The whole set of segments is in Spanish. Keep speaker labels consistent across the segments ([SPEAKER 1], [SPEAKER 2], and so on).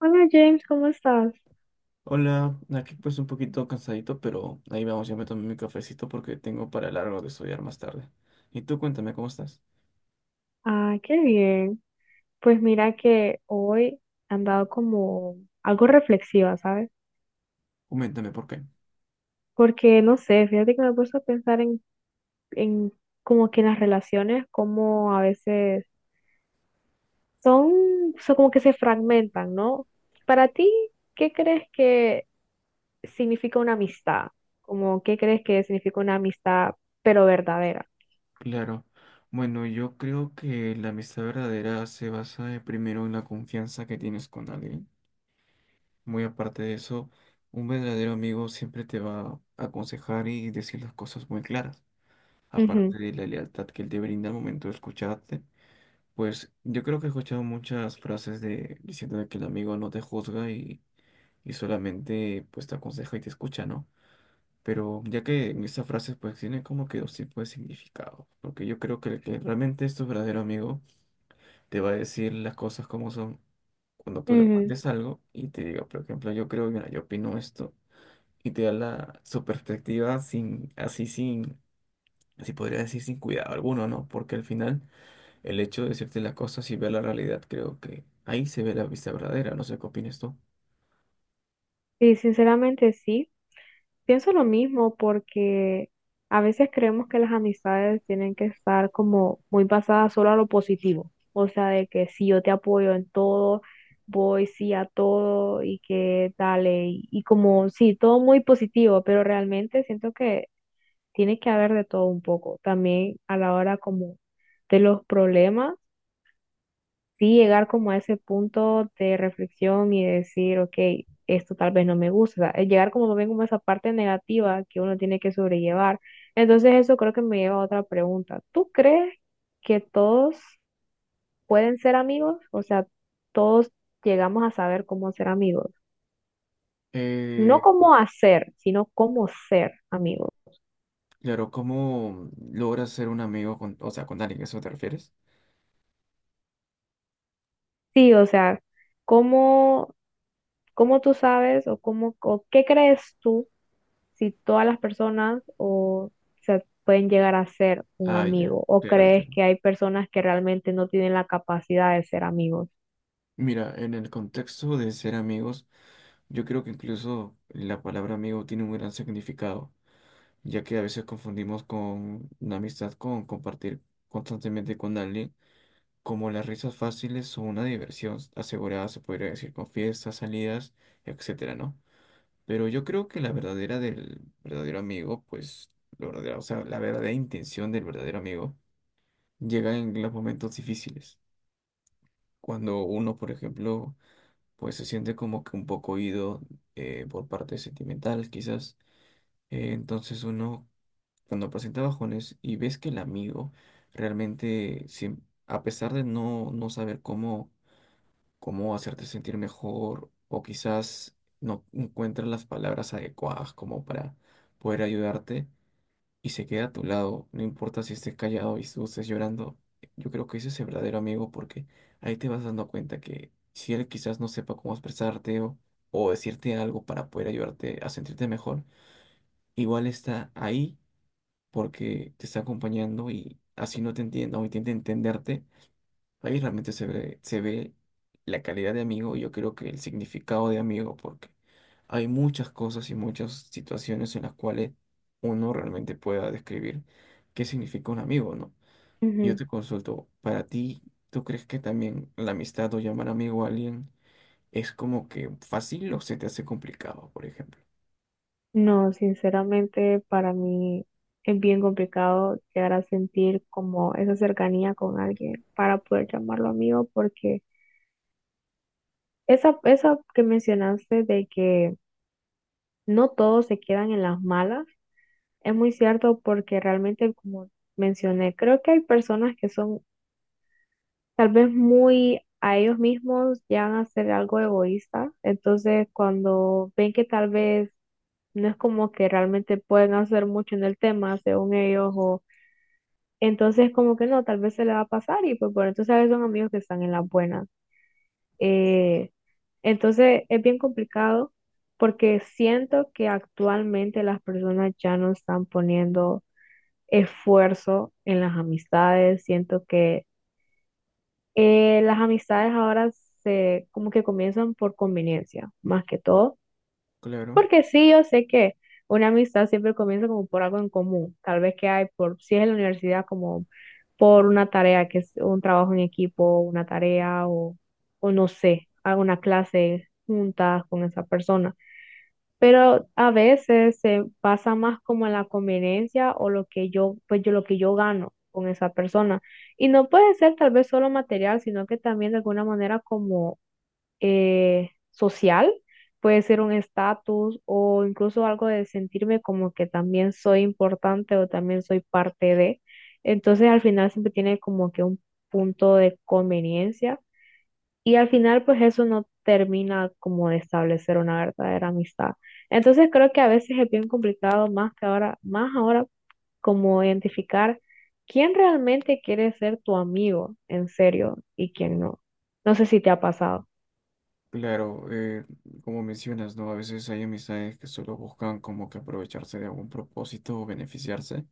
[SPEAKER 1] Hola James, ¿cómo estás?
[SPEAKER 2] Hola, aquí pues un poquito cansadito, pero ahí vamos, yo me tomé mi cafecito porque tengo para largo de estudiar más tarde. Y tú cuéntame cómo estás.
[SPEAKER 1] Ah, qué bien. Pues mira que hoy he andado como algo reflexiva, ¿sabes?
[SPEAKER 2] Coméntame por qué.
[SPEAKER 1] Porque no sé, fíjate que me he puesto a pensar en como que las relaciones, como a veces son como que se fragmentan, ¿no? Para ti, ¿qué crees que significa una amistad? Como, ¿qué crees que significa una amistad, pero verdadera?
[SPEAKER 2] Claro. Bueno, yo creo que la amistad verdadera se basa primero en la confianza que tienes con alguien. Muy aparte de eso, un verdadero amigo siempre te va a aconsejar y decir las cosas muy claras.
[SPEAKER 1] Ujú,
[SPEAKER 2] Aparte de la lealtad que él te brinda al momento de escucharte, pues yo creo que he escuchado muchas frases de diciendo de que el amigo no te juzga y solamente pues te aconseja y te escucha, ¿no? Pero ya que esa frase pues tiene como que dos tipos de significado, porque yo creo que el que realmente es tu verdadero amigo te va a decir las cosas como son cuando tú le
[SPEAKER 1] ujú.
[SPEAKER 2] cuentes algo y te diga, por ejemplo, yo creo, mira, yo opino esto y te da la, su perspectiva sin, así sin, así podría decir sin cuidado alguno, ¿no? Porque al final el hecho de decirte las cosas y ver la realidad creo que ahí se ve la vista verdadera, no sé qué opinas tú.
[SPEAKER 1] Sí, sinceramente sí. Pienso lo mismo porque a veces creemos que las amistades tienen que estar como muy basadas solo a lo positivo, o sea, de que si yo te apoyo en todo, voy sí a todo y que dale, y como sí, todo muy positivo, pero realmente siento que tiene que haber de todo un poco, también a la hora como de los problemas sí llegar como a ese punto de reflexión y decir, ok, esto tal vez no me gusta, o sea, llegar como también como a esa parte negativa que uno tiene que sobrellevar. Entonces eso creo que me lleva a otra pregunta. ¿Tú crees que todos pueden ser amigos? O sea, todos llegamos a saber cómo ser amigos. No cómo hacer, sino cómo ser amigos.
[SPEAKER 2] Claro, ¿cómo logras ser un amigo con, o sea, con alguien? ¿A ¿Eso te refieres?
[SPEAKER 1] Sí, o sea, cómo, cómo tú sabes o cómo, o qué crees tú si todas las personas o se pueden llegar a ser un
[SPEAKER 2] Ah, ya,
[SPEAKER 1] amigo o
[SPEAKER 2] claro,
[SPEAKER 1] crees
[SPEAKER 2] entiendo.
[SPEAKER 1] que hay personas que realmente no tienen la capacidad de ser amigos.
[SPEAKER 2] Mira, en el contexto de ser amigos, yo creo que incluso la palabra amigo tiene un gran significado, ya que a veces confundimos con una amistad con compartir constantemente con alguien, como las risas fáciles o una diversión asegurada, se podría decir, con fiestas, salidas, etcétera, ¿no? Pero yo creo que la verdadera del verdadero amigo, pues, lo verdadero, o sea, la verdadera intención del verdadero amigo llega en los momentos difíciles. Cuando uno, por ejemplo, pues se siente como que un poco oído por parte sentimental, quizás. Entonces uno, cuando presenta bajones y ves que el amigo realmente, a pesar de no saber cómo, cómo hacerte sentir mejor, o quizás no encuentra las palabras adecuadas como para poder ayudarte, y se queda a tu lado, no importa si estés callado y tú estés llorando, yo creo que ese es el verdadero amigo porque ahí te vas dando cuenta que si él quizás no sepa cómo expresarte o decirte algo para poder ayudarte a sentirte mejor, igual está ahí porque te está acompañando y así no te entienda o intenta entenderte, ahí realmente se ve la calidad de amigo y yo creo que el significado de amigo, porque hay muchas cosas y muchas situaciones en las cuales uno realmente pueda describir qué significa un amigo, ¿no? Yo
[SPEAKER 1] Ujú.
[SPEAKER 2] te consulto, para ti, ¿tú crees que también la amistad o llamar amigo a alguien es como que fácil o se te hace complicado, por ejemplo?
[SPEAKER 1] No, sinceramente para mí es bien complicado llegar a sentir como esa cercanía con alguien para poder llamarlo amigo porque esa que mencionaste de que no todos se quedan en las malas es muy cierto porque realmente como mencioné, creo que hay personas que son tal vez muy a ellos mismos llegan a ser algo egoísta. Entonces, cuando ven que tal vez no es como que realmente pueden hacer mucho en el tema, según ellos, o entonces como que no, tal vez se le va a pasar y pues bueno, entonces a veces son amigos que están en las buenas. Eh, entonces, es bien complicado porque siento que actualmente las personas ya no están poniendo esfuerzo en las amistades, siento que las amistades ahora se como que comienzan por conveniencia, más que todo,
[SPEAKER 2] Claro,
[SPEAKER 1] porque sí, yo sé que una amistad siempre comienza como por algo en común, tal vez que hay por, si es en la universidad, como por una tarea, que es un trabajo en equipo, una tarea o no sé, alguna clase juntas con esa persona pero a veces se pasa más como en la conveniencia o lo que yo, pues yo lo que yo gano con esa persona. Y no puede ser tal vez solo material, sino que también de alguna manera como social, puede ser un estatus o incluso algo de sentirme como que también soy importante o también soy parte de. Entonces al final siempre tiene como que un punto de conveniencia y al final, pues eso no termina como de establecer una verdadera amistad. Entonces creo que a veces es bien complicado, más que ahora, más ahora, como identificar quién realmente quiere ser tu amigo en serio y quién no. No sé si te ha pasado.
[SPEAKER 2] claro, como mencionas, ¿no? A veces hay amistades que solo buscan como que aprovecharse de algún propósito o beneficiarse.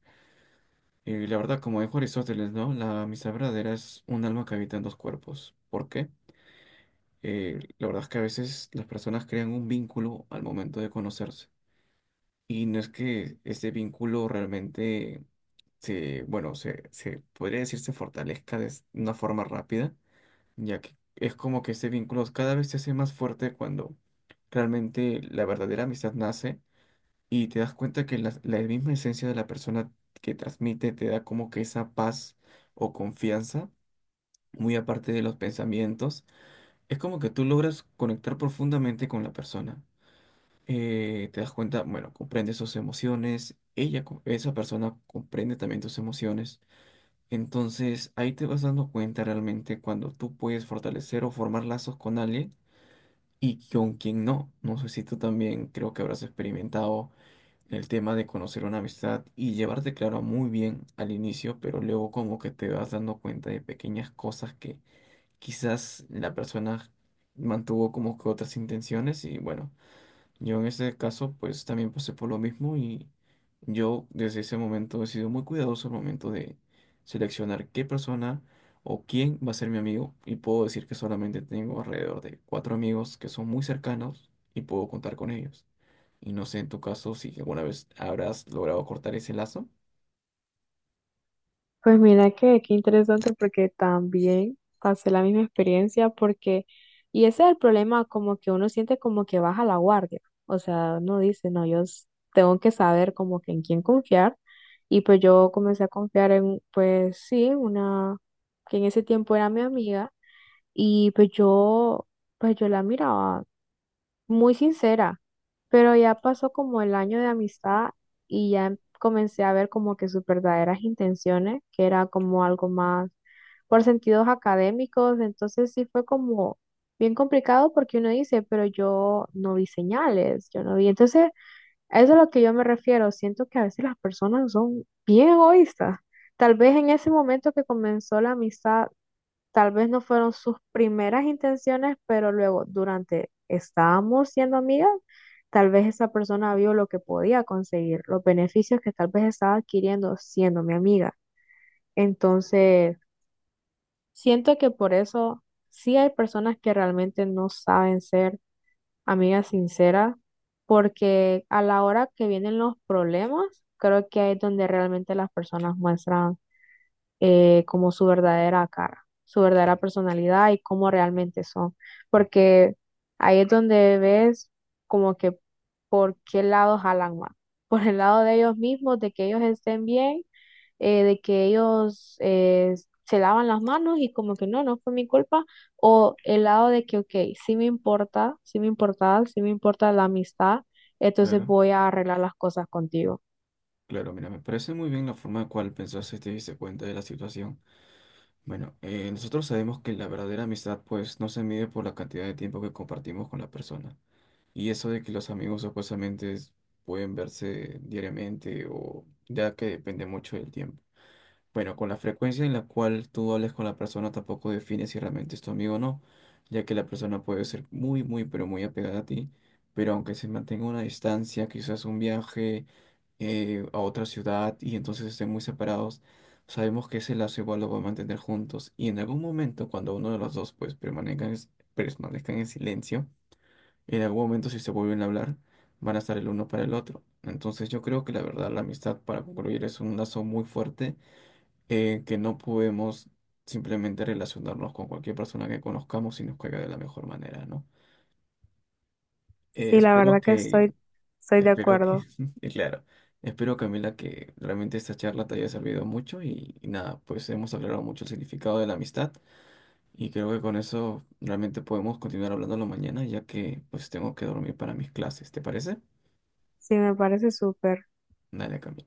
[SPEAKER 2] Y la verdad, como dijo Aristóteles, ¿no? La amistad verdadera es un alma que habita en dos cuerpos. ¿Por qué? La verdad es que a veces las personas crean un vínculo al momento de conocerse. Y no es que este vínculo realmente se podría decir se fortalezca de una forma rápida, ya que es como que este vínculo cada vez se hace más fuerte cuando realmente la verdadera amistad nace y te das cuenta que la, misma esencia de la persona que transmite te da como que esa paz o confianza, muy aparte de los pensamientos, es como que tú logras conectar profundamente con la persona. Te das cuenta, bueno, comprende sus emociones, ella, esa persona comprende también tus emociones. Entonces ahí te vas dando cuenta realmente cuando tú puedes fortalecer o formar lazos con alguien y con quien no. No sé si tú también creo que habrás experimentado el tema de conocer una amistad y llevarte, claro, muy bien al inicio, pero luego como que te vas dando cuenta de pequeñas cosas que quizás la persona mantuvo como que otras intenciones y bueno, yo en ese caso pues también pasé por lo mismo y yo desde ese momento he sido muy cuidadoso al momento de seleccionar qué persona o quién va a ser mi amigo y puedo decir que solamente tengo alrededor de cuatro amigos que son muy cercanos y puedo contar con ellos. Y no sé en tu caso si alguna vez habrás logrado cortar ese lazo.
[SPEAKER 1] Pues mira que qué interesante porque también pasé la misma experiencia porque, y ese es el problema, como que uno siente como que baja la guardia, o sea, uno dice, no, tengo que saber como que en quién confiar, y pues yo comencé a confiar en, pues sí, una que en ese tiempo era mi amiga, y pues yo, pues yo la miraba muy sincera, pero ya pasó como el año de amistad y comencé a ver como que sus verdaderas intenciones, que era como algo más por sentidos académicos, entonces sí fue como bien complicado porque uno dice, pero yo no vi señales, yo no vi, entonces a eso es a lo que yo me refiero, siento que a veces las personas son bien egoístas. Tal vez en ese momento que comenzó la amistad tal vez no fueron sus primeras intenciones, pero luego durante estábamos siendo amigas, tal vez esa persona vio lo que podía conseguir, los beneficios que tal vez estaba adquiriendo siendo mi amiga. Entonces, siento que por eso sí hay personas que realmente no saben ser amigas sinceras, porque a la hora que vienen los problemas, creo que ahí es donde realmente las personas muestran como su verdadera cara, su verdadera personalidad y cómo realmente son. Porque ahí es donde ves como que por qué lado jalan más. Por el lado de ellos mismos, de que ellos estén bien, de que ellos se lavan las manos y como que no, no fue mi culpa. O el lado de que, ok, sí me importa, sí me importa, sí me importa la amistad, entonces
[SPEAKER 2] Claro,
[SPEAKER 1] voy a arreglar las cosas contigo.
[SPEAKER 2] claro, mira, me parece muy bien la forma en cual pensaste y te diste cuenta de la situación. Bueno, nosotros sabemos que la verdadera amistad pues no se mide por la cantidad de tiempo que compartimos con la persona. Y eso de que los amigos supuestamente pueden verse diariamente o ya que depende mucho del tiempo. Bueno, con la frecuencia en la cual tú hables con la persona tampoco define si realmente es tu amigo o no, ya que la persona puede ser muy, muy, pero muy apegada a ti, pero aunque se mantenga una distancia, quizás un viaje a otra ciudad y entonces estén muy separados, sabemos que ese lazo igual lo va a mantener juntos y en algún momento cuando uno de los dos pues permanezcan en silencio, en algún momento si se vuelven a hablar, van a estar el uno para el otro. Entonces yo creo que la verdad la amistad para concluir es un lazo muy fuerte que no podemos simplemente relacionarnos con cualquier persona que conozcamos y nos caiga de la mejor manera, ¿no? Eh,
[SPEAKER 1] Sí, la
[SPEAKER 2] espero
[SPEAKER 1] verdad que
[SPEAKER 2] que,
[SPEAKER 1] estoy de
[SPEAKER 2] espero que,
[SPEAKER 1] acuerdo.
[SPEAKER 2] y claro, espero Camila que realmente esta charla te haya servido mucho y nada, pues hemos aclarado mucho el significado de la amistad y creo que con eso realmente podemos continuar hablándolo mañana ya que pues tengo que dormir para mis clases, ¿te parece?
[SPEAKER 1] Sí, me parece súper.
[SPEAKER 2] Dale, Camila.